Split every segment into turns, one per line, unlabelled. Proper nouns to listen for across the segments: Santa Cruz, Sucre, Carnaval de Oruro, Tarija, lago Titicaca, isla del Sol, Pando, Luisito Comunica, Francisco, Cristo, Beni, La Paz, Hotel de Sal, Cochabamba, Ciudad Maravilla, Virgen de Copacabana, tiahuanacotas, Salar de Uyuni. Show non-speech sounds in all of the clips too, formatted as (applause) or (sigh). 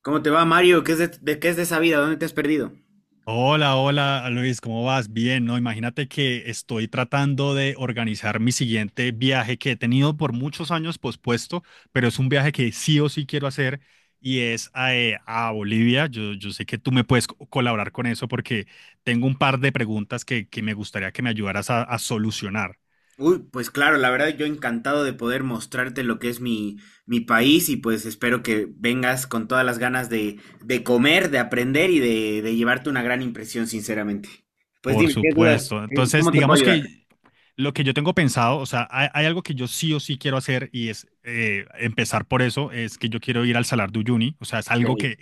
¿Cómo te va, Mario? ¿Qué es qué es de esa vida? ¿Dónde te has perdido?
Hola, hola Luis, ¿cómo vas? Bien, ¿no? Imagínate que estoy tratando de organizar mi siguiente viaje que he tenido por muchos años pospuesto, pero es un viaje que sí o sí quiero hacer y es a Bolivia. Yo sé que tú me puedes colaborar con eso porque tengo un par de preguntas que me gustaría que me ayudaras a solucionar,
Uy, pues claro, la verdad yo encantado de poder mostrarte lo que es mi país y pues espero que vengas con todas las ganas de comer, de aprender y de llevarte una gran impresión, sinceramente. Pues
por
dime, ¿qué dudas?
supuesto. Entonces,
¿Cómo te puedo
digamos
ayudar?
que lo que yo tengo pensado, o sea, hay algo que yo sí o sí quiero hacer y es empezar por eso, es que yo quiero ir al Salar de Uyuni, o sea, es algo
Ok.
que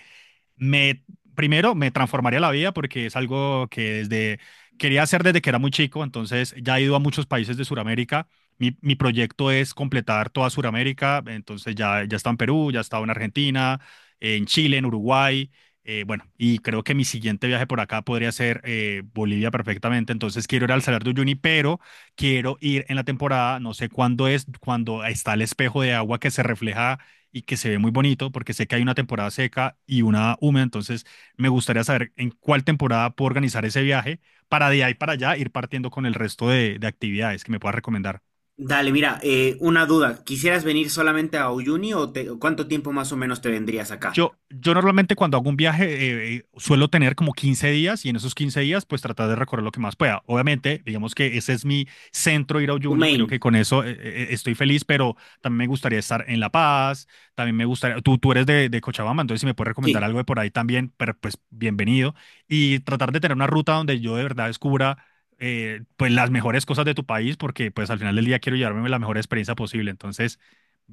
me, primero, me transformaría la vida porque es algo que desde, quería hacer desde que era muy chico, entonces ya he ido a muchos países de Sudamérica. Mi proyecto es completar toda Sudamérica, entonces ya está en Perú, ya estaba en Argentina, en Chile, en Uruguay. Bueno, y creo que mi siguiente viaje por acá podría ser Bolivia perfectamente. Entonces quiero ir al Salar de Uyuni, pero quiero ir en la temporada, no sé cuándo es, cuando está el espejo de agua que se refleja y que se ve muy bonito porque sé que hay una temporada seca y una húmeda, entonces me gustaría saber en cuál temporada puedo organizar ese viaje para de ahí para allá ir partiendo con el resto de actividades que me pueda recomendar.
Dale, mira, una duda. ¿Quisieras venir solamente a Uyuni o cuánto tiempo más o menos te vendrías acá?
Yo normalmente cuando hago un viaje suelo tener como 15 días y en esos 15 días pues tratar de recorrer lo que más pueda. Obviamente, digamos que ese es mi centro ir a
Tu
Uyuni, creo
main.
que con eso estoy feliz, pero también me gustaría estar en La Paz, también me gustaría, tú eres de Cochabamba, entonces si me puedes recomendar
Sí.
algo de por ahí también, pero, pues bienvenido. Y tratar de tener una ruta donde yo de verdad descubra pues las mejores cosas de tu país, porque pues al final del día quiero llevarme la mejor experiencia posible. Entonces,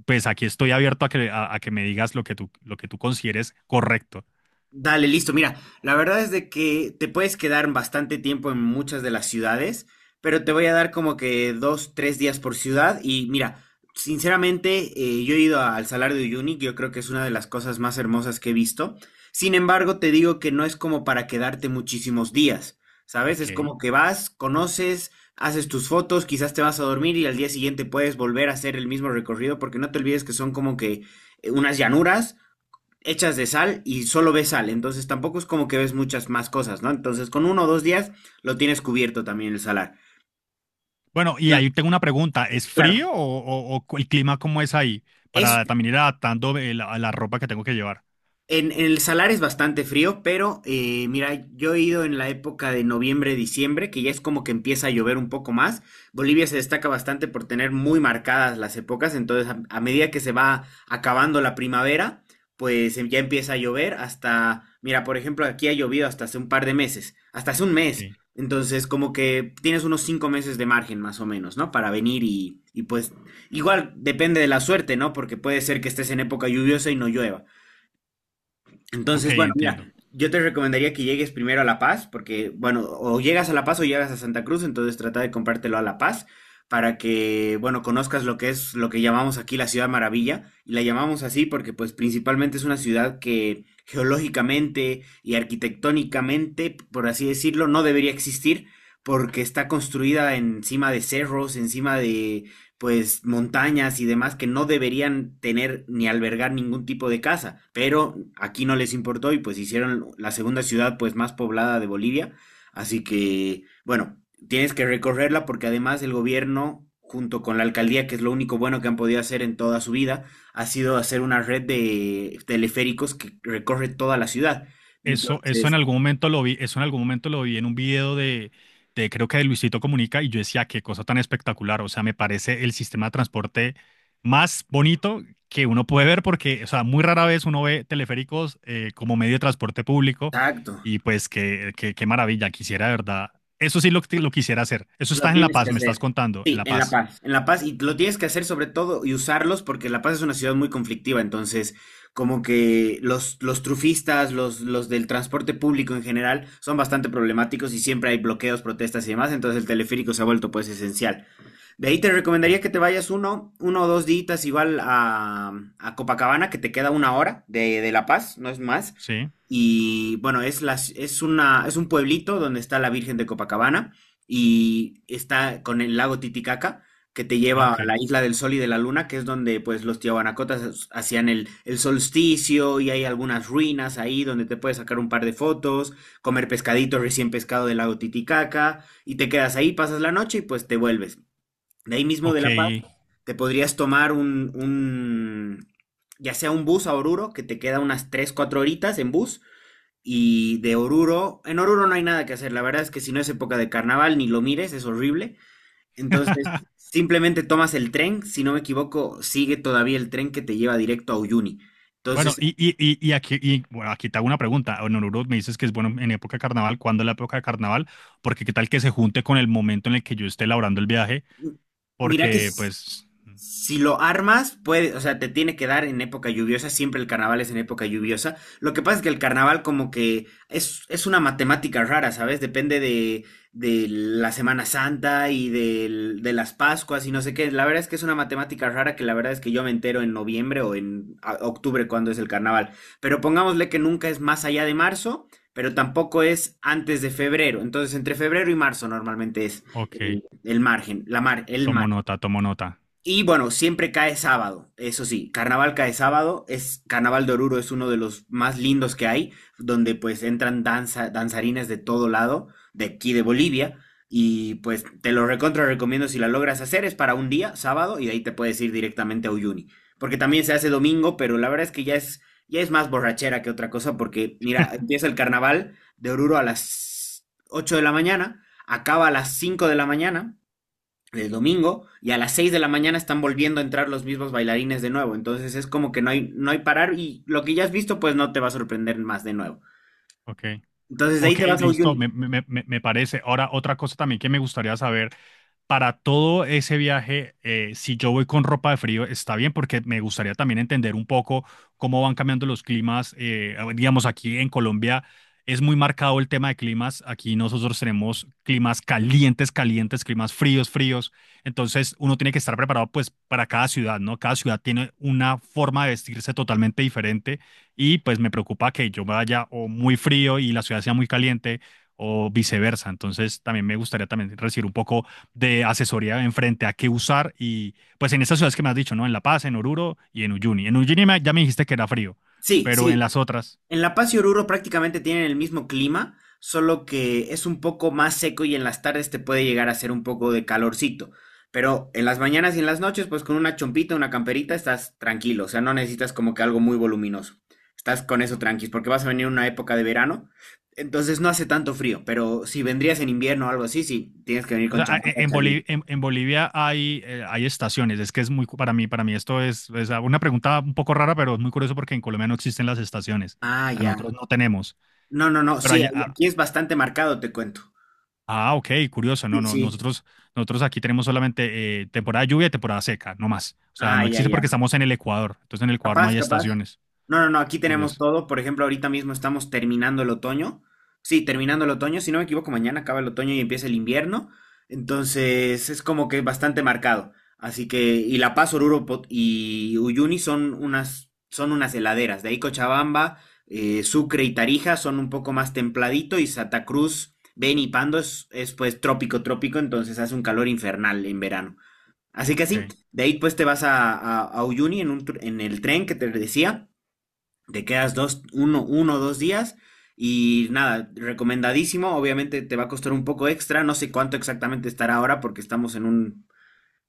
pues aquí estoy abierto a que me digas lo que tú consideres correcto.
Dale, listo. Mira, la verdad es de que te puedes quedar bastante tiempo en muchas de las ciudades, pero te voy a dar como que dos, tres días por ciudad. Y mira, sinceramente, yo he ido al Salar de Uyuni, yo creo que es una de las cosas más hermosas que he visto. Sin embargo, te digo que no es como para quedarte muchísimos días, ¿sabes?
Ok.
Es como que vas, conoces, haces tus fotos, quizás te vas a dormir y al día siguiente puedes volver a hacer el mismo recorrido, porque no te olvides que son como que unas llanuras hechas de sal y solo ves sal, entonces tampoco es como que ves muchas más cosas, ¿no? Entonces con uno o dos días lo tienes cubierto también el salar.
Bueno, y
Entonces,
ahí tengo una pregunta. ¿Es
claro,
frío o el clima cómo es ahí?
es
Para también ir adaptando a la ropa que tengo que llevar.
en el Salar es bastante frío, pero mira, yo he ido en la época de noviembre, diciembre, que ya es como que empieza a llover un poco más. Bolivia se destaca bastante por tener muy marcadas las épocas, entonces a medida que se va acabando la primavera, pues ya empieza a llover hasta, mira, por ejemplo, aquí ha llovido hasta hace un par de meses, hasta hace un mes.
Ok.
Entonces, como que tienes unos 5 meses de margen más o menos, ¿no? Para venir y pues igual depende de la suerte, ¿no? Porque puede ser que estés en época lluviosa y no llueva.
Ok,
Entonces, bueno, mira,
entiendo.
yo te recomendaría que llegues primero a La Paz, porque, bueno, o llegas a La Paz o llegas a Santa Cruz, entonces trata de comprártelo a La Paz para que, bueno, conozcas lo que es lo que llamamos aquí la Ciudad Maravilla, y la llamamos así porque, pues, principalmente es una ciudad que geológicamente y arquitectónicamente, por así decirlo, no debería existir porque está construida encima de cerros, encima pues montañas y demás que no deberían tener ni albergar ningún tipo de casa, pero aquí no les importó y pues hicieron la segunda ciudad pues más poblada de Bolivia, así que bueno, tienes que recorrerla porque además el gobierno junto con la alcaldía, que es lo único bueno que han podido hacer en toda su vida, ha sido hacer una red de teleféricos que recorre toda la ciudad.
Eso en
Entonces,
algún momento lo vi, eso en algún momento lo vi en un video de creo que de Luisito Comunica y yo decía, qué cosa tan espectacular, o sea, me parece el sistema de transporte más bonito que uno puede ver porque, o sea, muy rara vez uno ve teleféricos como medio de transporte público
exacto.
y pues qué maravilla, quisiera de verdad, eso sí lo quisiera hacer, eso
Lo
está en La
tienes que
Paz, me estás
hacer.
contando, en
Sí,
La
en La
Paz.
Paz. En La Paz, y lo tienes que hacer sobre todo y usarlos porque La Paz es una ciudad muy conflictiva, entonces como que los trufistas, los del transporte público en general son bastante problemáticos y siempre hay bloqueos, protestas y demás, entonces el teleférico se ha vuelto pues esencial. De ahí te recomendaría
Sí.
que te vayas uno o dos días igual a Copacabana, que te queda 1 hora de La Paz, no es más,
¿Sí?
y bueno, es un pueblito donde está la Virgen de Copacabana y está con el lago Titicaca que te
Ah,
lleva a
ok,
la isla del Sol y de la Luna, que es donde pues los tiahuanacotas hacían el solsticio y hay algunas ruinas ahí donde te puedes sacar un par de fotos, comer pescadito recién pescado del lago Titicaca y te quedas ahí, pasas la noche y pues te vuelves. De ahí mismo de
ok.
La Paz te podrías tomar un ya sea un bus a Oruro, que te queda unas 3 4 horitas en bus, y de Oruro. En Oruro no hay nada que hacer, la verdad es que si no es época de carnaval, ni lo mires, es horrible. Entonces,
(laughs)
simplemente tomas el tren, si no me equivoco, sigue todavía el tren que te lleva directo a Uyuni.
Bueno,
Entonces,
y aquí, y, bueno, aquí te hago una pregunta. En Oruro me dices que es bueno en época de carnaval. ¿Cuándo es la época de carnaval? Porque qué tal que se junte con el momento en el que yo esté elaborando el viaje.
Mira que
Porque,
s-
pues,
si lo armas, puede, o sea, te tiene que dar en época lluviosa, siempre el carnaval es en época lluviosa. Lo que pasa es que el carnaval como que es una matemática rara, ¿sabes? Depende de la Semana Santa y de las Pascuas y no sé qué. La verdad es que es una matemática rara que la verdad es que yo me entero en noviembre o en octubre cuando es el carnaval. Pero pongámosle que nunca es más allá de marzo, pero tampoco es antes de febrero. Entonces, entre febrero y marzo normalmente es
ok,
el margen, el
tomo
margen.
nota, tomo nota.
Y bueno, siempre cae sábado, eso sí, carnaval cae sábado, es Carnaval de Oruro es uno de los más lindos que hay, donde pues entran danza, danzarines de todo lado, de aquí de Bolivia, y pues te lo recontra recomiendo si la logras hacer, es para un día, sábado, y de ahí te puedes ir directamente a Uyuni, porque también se hace domingo, pero la verdad es que ya es más borrachera que otra cosa, porque mira, empieza el Carnaval de Oruro a las 8 de la mañana, acaba a las 5 de la mañana, el domingo y a las 6 de la mañana están volviendo a entrar los mismos bailarines de nuevo. Entonces es como que no hay parar y lo que ya has visto pues no te va a sorprender más de nuevo.
Ok.
Entonces de ahí
Ok,
te vas a
listo,
Uyuni.
me, me parece. Ahora, otra cosa también que me gustaría saber, para todo ese viaje, si yo voy con ropa de frío, está bien, porque me gustaría también entender un poco cómo van cambiando los climas. Digamos, aquí en Colombia es muy marcado el tema de climas. Aquí nosotros tenemos climas calientes, calientes, climas fríos, fríos. Entonces, uno tiene que estar preparado, pues, para cada ciudad, ¿no? Cada ciudad tiene una forma de vestirse totalmente diferente y pues me preocupa que yo vaya o muy frío y la ciudad sea muy caliente o viceversa. Entonces también me gustaría también recibir un poco de asesoría en frente a qué usar y pues en estas ciudades que me has dicho, ¿no? En La Paz, en Oruro y en Uyuni. En Uyuni ya me dijiste que era frío,
Sí,
pero en
sí,
las otras,
en La Paz y Oruro prácticamente tienen el mismo clima, solo que es un poco más seco y en las tardes te puede llegar a hacer un poco de calorcito. Pero en las mañanas y en las noches, pues con una chompita, una camperita, estás tranquilo. O sea, no necesitas como que algo muy voluminoso. Estás con eso tranquis, porque vas a venir una época de verano, entonces no hace tanto frío. Pero si vendrías en invierno o algo así, sí, tienes que venir
o
con
sea,
chamarra
en,
caliente.
en Bolivia hay, hay estaciones. Es que es muy, para mí esto es una pregunta un poco rara, pero es muy curioso porque en Colombia no existen las estaciones.
Ah,
O sea,
ya.
nosotros no tenemos,
No, no, no,
pero
sí,
allá, a-
aquí es bastante marcado, te cuento.
Ah, ok, curioso. No,
Sí,
no,
sí.
nosotros aquí tenemos solamente temporada de lluvia y temporada seca, no más. O sea,
Ah,
no
ya,
existe porque
ya.
estamos en el Ecuador. Entonces en el Ecuador no
Capaz,
hay
capaz.
estaciones.
No, no, no, aquí tenemos
Curioso.
todo. Por ejemplo, ahorita mismo estamos terminando el otoño. Sí, terminando el otoño. Si no me equivoco, mañana acaba el otoño y empieza el invierno. Entonces es como que bastante marcado. Así que, y La Paz, y Uyuni son unas heladeras. De ahí Cochabamba, Sucre y Tarija son un poco más templadito y Santa Cruz, Beni y Pando es pues trópico, trópico, entonces hace un calor infernal en verano. Así que sí,
Ok,
de ahí pues te vas a Uyuni en el tren que te decía. Te quedas uno o dos días y nada, recomendadísimo. Obviamente te va a costar un poco extra. No sé cuánto exactamente estará ahora porque estamos en un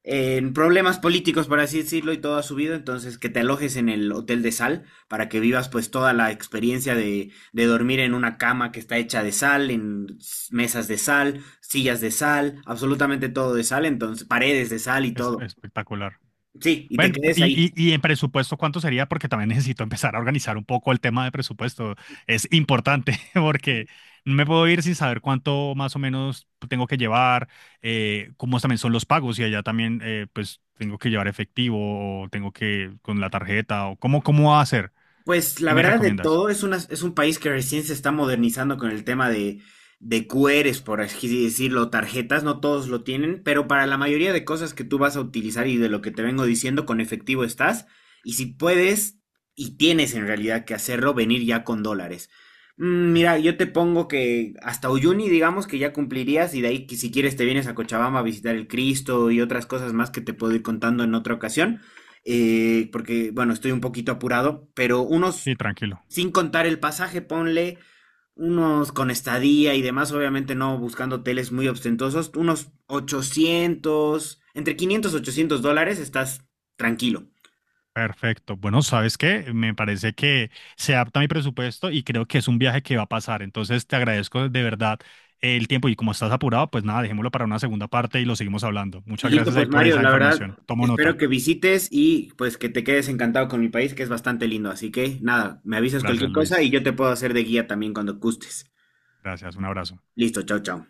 en problemas políticos, por así decirlo, y todo ha subido. Entonces, que te alojes en el Hotel de Sal para que vivas pues toda la experiencia de dormir en una cama que está hecha de sal, en mesas de sal, sillas de sal, absolutamente todo de sal, entonces paredes de sal y
es
todo.
espectacular.
Sí, y te
Bueno,
quedes ahí.
y en presupuesto, ¿cuánto sería? Porque también (laughs) necesito empezar a organizar un poco el tema de presupuesto. Es importante (laughs) porque no me puedo ir sin saber cuánto más o menos tengo que llevar, cómo también son los pagos y allá también pues tengo que llevar efectivo o tengo que con la tarjeta o cómo, cómo va a ser.
Pues
¿Qué
la
me
verdad de
recomiendas?
todo, es un país que recién se está modernizando con el tema de QRs, por así decirlo, tarjetas, no todos lo tienen, pero para la mayoría de cosas que tú vas a utilizar y de lo que te vengo diciendo, con efectivo estás, y si puedes y tienes en realidad que hacerlo, venir ya con dólares.
Ok.
Mira, yo te pongo que hasta Uyuni, digamos que ya cumplirías, y de ahí que si quieres te vienes a Cochabamba a visitar el Cristo y otras cosas más que te puedo ir contando en otra ocasión porque, bueno, estoy un poquito apurado, pero unos,
Sí, tranquilo.
sin contar el pasaje, ponle unos con estadía y demás, obviamente no buscando hoteles muy ostentosos, unos 800, entre 500 y $800, estás tranquilo.
Perfecto. Bueno, ¿sabes qué? Me parece que se adapta a mi presupuesto y creo que es un viaje que va a pasar. Entonces, te agradezco de verdad el tiempo y como estás apurado, pues nada, dejémoslo para una segunda parte y lo seguimos hablando. Muchas
Listo,
gracias ahí
pues
por
Mario,
esa
la verdad,
información. Tomo
espero
nota.
que visites y pues que te quedes encantado con mi país, que es bastante lindo. Así que nada, me avisas cualquier
Gracias,
cosa y
Luis.
yo te puedo hacer de guía también cuando gustes.
Gracias. Un abrazo.
Listo, chao, chao.